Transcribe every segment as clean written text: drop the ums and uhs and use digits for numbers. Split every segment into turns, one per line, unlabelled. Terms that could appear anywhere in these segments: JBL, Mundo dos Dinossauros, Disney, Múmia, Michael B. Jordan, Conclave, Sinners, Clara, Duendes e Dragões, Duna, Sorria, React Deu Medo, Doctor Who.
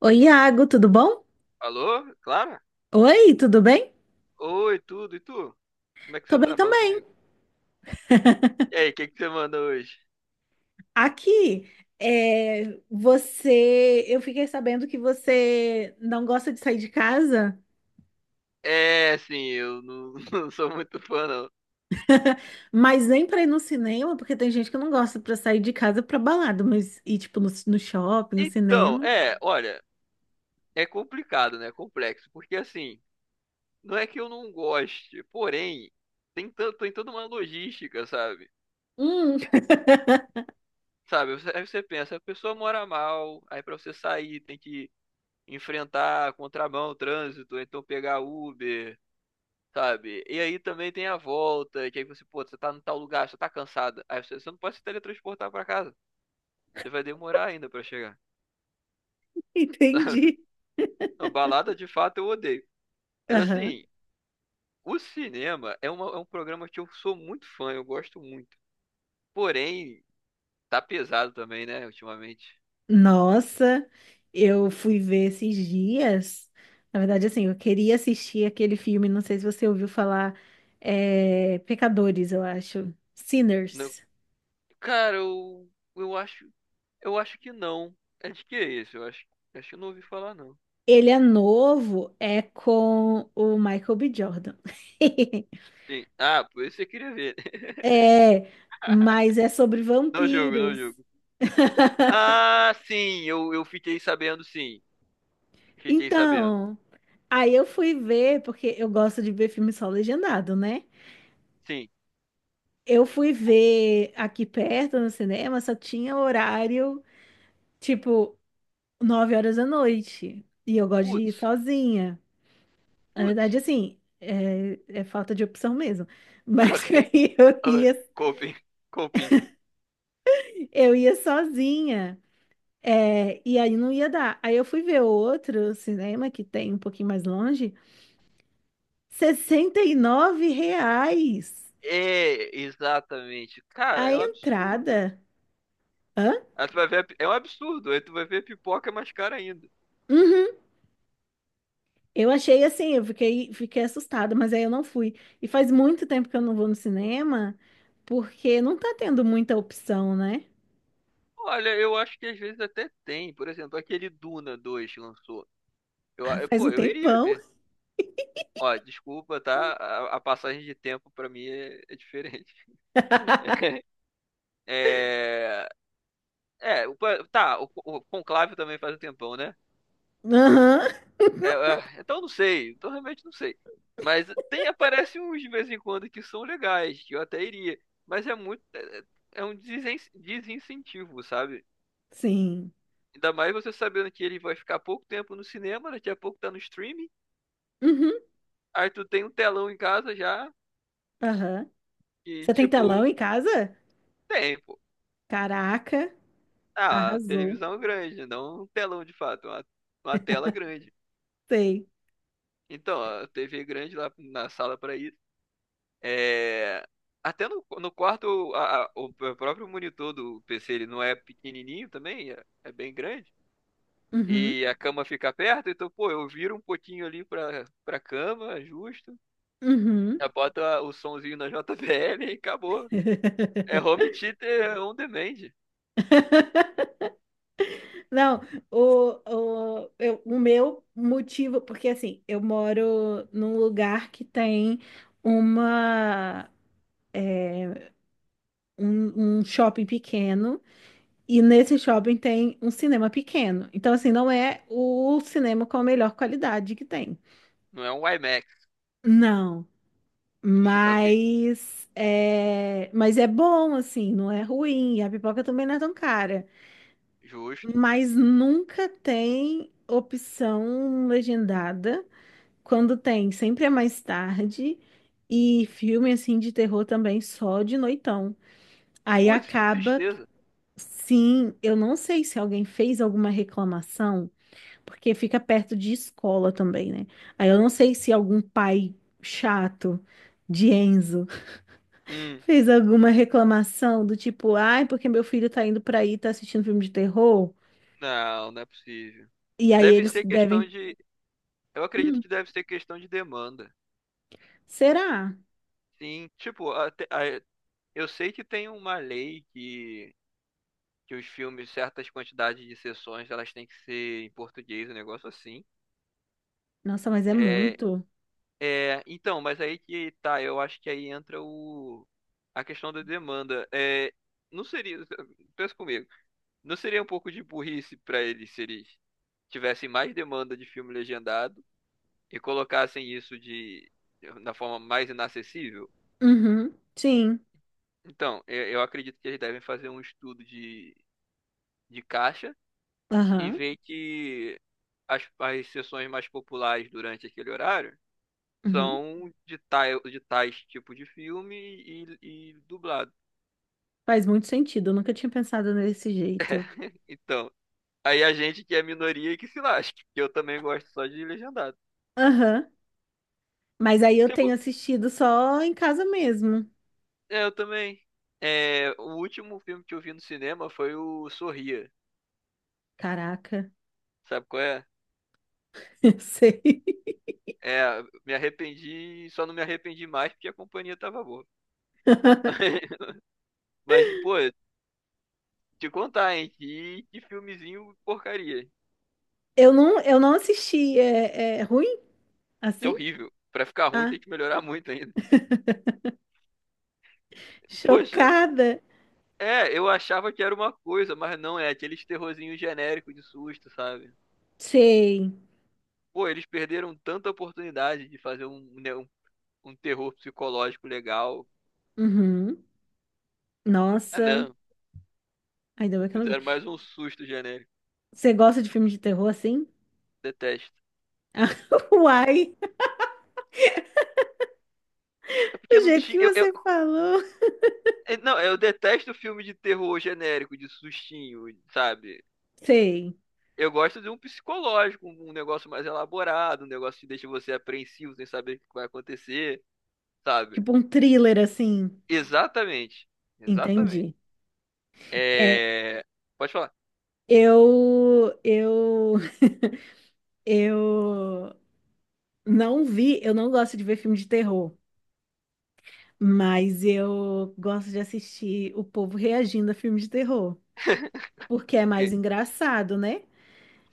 Oi, Iago, tudo bom?
Alô, Clara?
Oi, tudo bem?
Oi, tudo, e tu? Como é que
Tô
você
bem
tá? Fala
também.
comigo. E aí, o que que você manda hoje?
Aqui, é, eu fiquei sabendo que você não gosta de sair de casa,
É, sim, eu não, não sou muito fã, não.
mas nem pra ir no cinema, porque tem gente que não gosta pra sair de casa pra balada, mas ir tipo no shopping, no
Então,
cinema.
é, olha, é complicado, né? É complexo, porque assim, não é que eu não goste, porém, tem toda uma logística, sabe?
Hum.
Sabe, aí você pensa, a pessoa mora mal, aí pra você sair tem que enfrentar contramão, trânsito, então pegar Uber, sabe? E aí também tem a volta, que aí você, pô, você tá no tal lugar, você tá cansada. Aí você não pode se teletransportar pra casa. Você vai demorar ainda pra chegar.
Entendi.
Não, balada de fato eu odeio. Mas
Aham.
assim, o cinema é, uma, é um programa que eu sou muito fã, eu gosto muito. Porém, tá pesado também, né, ultimamente.
Nossa, eu fui ver esses dias. Na verdade, assim, eu queria assistir aquele filme, não sei se você ouviu falar, Pecadores, eu acho.
Não,
Sinners.
cara, eu acho, eu acho que não. É de que é isso? Acho que eu não ouvi falar, não.
Ele é novo, é com o Michael B. Jordan.
Sim. Ah, por isso você queria ver.
É, mas é sobre
Não jogo, não
vampiros.
jogo. Ah, sim, eu fiquei sabendo, sim. Fiquei sabendo.
Então, aí eu fui ver, porque eu gosto de ver filme só legendado, né?
Sim.
Eu fui ver aqui perto no cinema, só tinha horário. tipo, 9h da noite. E eu gosto de ir
Putz,
sozinha. Na verdade,
putz.
assim, é falta de opção mesmo. Mas
Ok.
aí eu
Ah,
ia,
Coping, coping.
eu ia sozinha. É, e aí não ia dar. Aí eu fui ver outro cinema que tem um pouquinho mais longe. R$ 69
É, exatamente. Cara,
a
é um absurdo.
entrada. Hã?
Aí tu vai ver, é um absurdo. Aí tu vai ver a pipoca é mais cara ainda.
Uhum. Eu achei assim, eu fiquei assustada, mas aí eu não fui. E faz muito tempo que eu não vou no cinema, porque não tá tendo muita opção, né?
Olha, eu acho que às vezes até tem. Por exemplo, aquele Duna dois que lançou.
Ah, faz
Pô,
um
eu iria
tempão.
ver. Ó, desculpa, tá? A passagem de tempo pra mim é, é diferente. É. É, tá, o Conclave também faz um tempão, né?
Aham,
É, então não sei, então realmente não sei. Mas tem, aparece uns de vez em quando que são legais, que eu até iria. Mas é muito, é um desincentivo, sabe?
sim.
Ainda mais você sabendo que ele vai ficar pouco tempo no cinema, daqui a pouco tá no streaming.
Uhum,
Aí tu tem um telão em casa já,
aham.
e
Você tem
tipo,
telão em casa?
tem, pô.
Caraca,
Ah,
arrasou.
televisão grande, não um telão de fato, uma tela grande.
Sei.
Então, a TV grande lá na sala para isso. É, até no, quarto, o próprio monitor do PC, ele não é pequenininho também, é bem grande.
Uhum,
E a cama fica perto, então, pô, eu viro um pouquinho ali pra cama, justo.
uhum.
Já bota o sonzinho na JBL e acabou. É home theater on demand,
Não, o meu motivo, porque assim, eu moro num lugar que tem uma, um shopping pequeno e nesse shopping tem um cinema pequeno. Então, assim, não é o cinema com a melhor qualidade que tem.
não é um iMac.
Não,
Ok,
mas é bom, assim, não é ruim. E a pipoca também não é tão cara.
justo.
Mas nunca tem opção legendada. Quando tem, sempre é mais tarde. E filme assim de terror também só de noitão. Aí
Putz, que
acaba, que-
tristeza.
sim, eu não sei se alguém fez alguma reclamação, porque fica perto de escola também, né? Aí eu não sei se algum pai chato de Enzo
Hum,
fez alguma reclamação do tipo, ai, porque meu filho tá indo pra aí, tá assistindo filme de terror.
não é possível.
E aí
Deve
eles
ser questão
devem,
de. Eu acredito
hum,
que deve ser questão de demanda.
será?
Sim, tipo, até, eu sei que tem uma lei que os filmes, certas quantidades de sessões, elas têm que ser em português, um negócio assim.
Nossa, mas é
É,
muito.
é, então, mas aí que tá, eu acho que aí entra o, a questão da demanda. É, não seria, pensa comigo, não seria um pouco de burrice para eles se eles tivessem mais demanda de filme legendado e colocassem isso de, na forma mais inacessível?
Uhum, sim.
Então, eu acredito que eles devem fazer um estudo de caixa e
Aham.
ver que as sessões mais populares durante aquele horário
Uhum.
são de tais tipo de filme e dublado.
Faz muito sentido, eu nunca tinha pensado nesse jeito.
Então, aí a gente que é minoria que se lasque, que eu também gosto só de legendado.
Aham. Mas aí eu
Tipo,
tenho assistido só em casa mesmo.
é, eu também. É, o último filme que eu vi no cinema foi o Sorria.
Caraca,
Sabe qual é?
eu sei.
É, me arrependi, só não me arrependi mais porque a companhia tava boa. Mas, pô, te contar, hein? Que filmezinho porcaria.
Eu não assisti. É ruim
É
assim?
horrível. Pra ficar ruim
Ah,
tem que melhorar muito ainda. Poxa,
chocada.
é, eu achava que era uma coisa, mas não é aqueles terrorzinhos genéricos de susto, sabe?
Sei.
Pô, eles perderam tanta oportunidade de fazer um, né, um terror psicológico legal.
Uhum.
Ah,
Nossa.
não.
Ainda bem que eu não vi.
Fizeram mais um susto genérico.
Você gosta de filme de terror assim?
Detesto.
Ah, uai,
É
do
porque não
jeito que
tinha. Eu,
você falou.
é, não, eu detesto filme de terror genérico, de sustinho, sabe?
Sei.
Eu gosto de um psicológico, um negócio mais elaborado, um negócio que deixa você apreensivo sem saber o que vai acontecer, sabe?
Tipo um thriller assim.
Exatamente. Exatamente.
Entendi. É,
É... Pode falar.
eu eu não vi, eu não gosto de ver filme de terror, mas eu gosto de assistir o povo reagindo a filme de terror, porque é mais
Ok.
engraçado, né?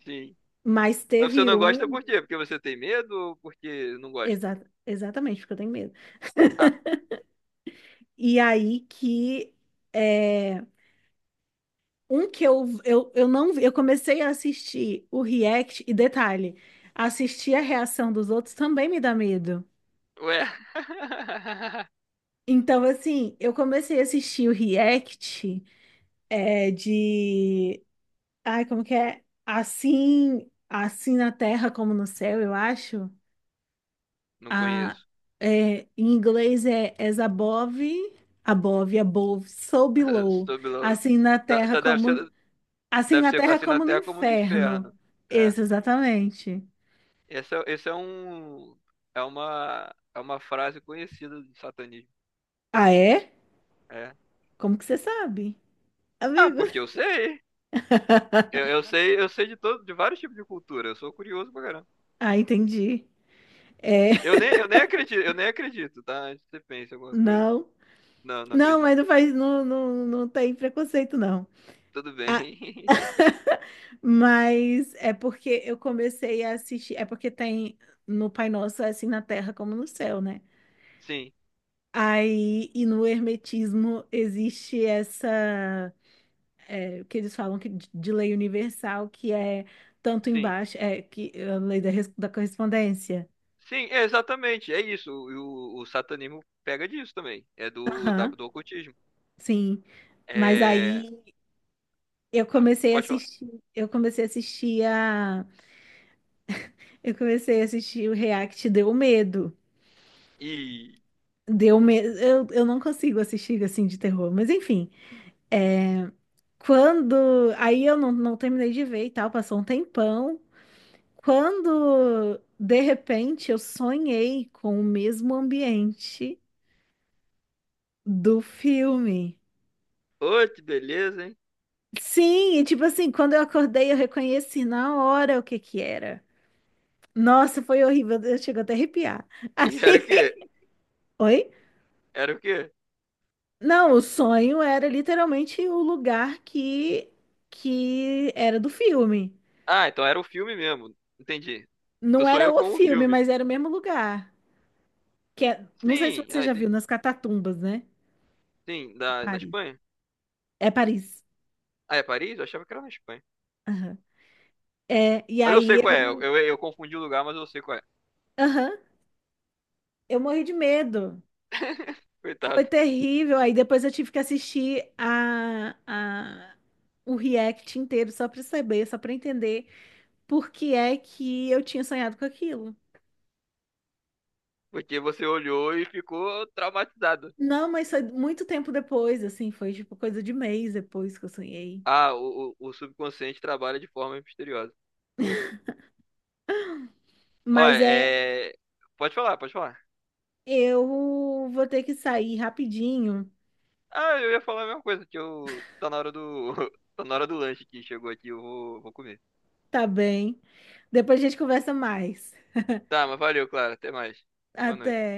Sim.
Mas
Mas você
teve
não gosta
um,
por quê? Porque você tem medo ou porque não gosta?
exatamente, porque eu tenho medo.
Ah,
E aí que é, um que eu não vi, eu comecei a assistir o react, e detalhe, assistir a reação dos outros também me dá medo.
ué.
Então, assim, eu comecei a assistir o react, é, de ai, como que é? Assim, assim na terra como no céu, eu acho.
Não
A,
conheço.
em inglês é as above, so below.
Sob lo-
Assim na
Tá,
terra
tá- deve
como,
ser,
assim
Deve
na
ser
terra
assim na
como no
Terra como no
inferno.
inferno. É.
Isso, exatamente.
Esse é, esse é um. É uma frase conhecida do satanismo.
Ah, é?
É.
Como que você sabe?
Ah,
Amigo.
porque eu sei. Eu, eu sei, eu sei de todo, de vários tipos de cultura. Eu sou curioso pra caramba.
Ah, entendi. É,
Eu nem, eu nem acredito, eu nem acredito, tá? Você pensa alguma coisa.
não.
Não
Não,
acredito.
não tem preconceito, não.
Tudo bem.
Mas é porque eu comecei a assistir. É porque tem no Pai Nosso, é assim na terra como no céu, né?
Sim,
Aí, e no Hermetismo existe essa. Que eles falam que, de lei universal, que é tanto
sim.
embaixo. É que a lei da, da correspondência.
Sim, é exatamente. É isso. O satanismo pega disso também. É
Aham,
do ocultismo.
sim. Mas
É.
aí eu
Ah,
comecei a
pode falar.
assistir. Eu comecei a assistir a. Eu comecei a assistir o React Deu Medo.
E.
Eu não consigo assistir assim de terror, mas enfim. É... Quando. Aí eu não, não terminei de ver e tal, passou um tempão. Quando, de repente, eu sonhei com o mesmo ambiente do filme.
Ô, que beleza, hein?
Sim, e tipo assim, quando eu acordei, eu reconheci na hora o que que era. Nossa, foi horrível, eu chego até a arrepiar.
E era o
Assim,
quê?
oi?
Era o quê?
Não, o sonho era literalmente o lugar que era do filme.
Ah, então era o filme mesmo. Entendi. Tu
Não era
sonhou
o
com o
filme,
filme.
mas era o mesmo lugar. Que é, não sei se
Sim,
você
ah,
já
entendi.
viu, nas Catatumbas, né?
Sim,
De
da, na
Paris.
Espanha?
É Paris.
Ah, é Paris? Eu achava que era na Espanha.
Aham. É, e
Mas eu sei
aí
qual é. Eu,
eu,
eu, eu confundi o lugar, mas eu sei qual é.
aham, eu morri de medo.
Coitado.
Foi terrível. Aí depois eu tive que assistir o react inteiro só pra saber, só pra entender por que é que eu tinha sonhado com aquilo.
Porque você olhou e ficou traumatizado.
Não, mas foi muito tempo depois, assim, foi tipo coisa de mês depois que eu sonhei.
Ah, o subconsciente trabalha de forma misteriosa. Olha,
Mas é,
é... Pode falar, pode falar.
eu vou ter que sair rapidinho.
Ah, eu ia falar a mesma coisa, que eu, tá na hora do, tá na hora do lanche que chegou aqui, eu vou comer.
Tá bem. Depois a gente conversa mais.
Tá, mas valeu, Clara. Até mais. Boa
Até.
noite.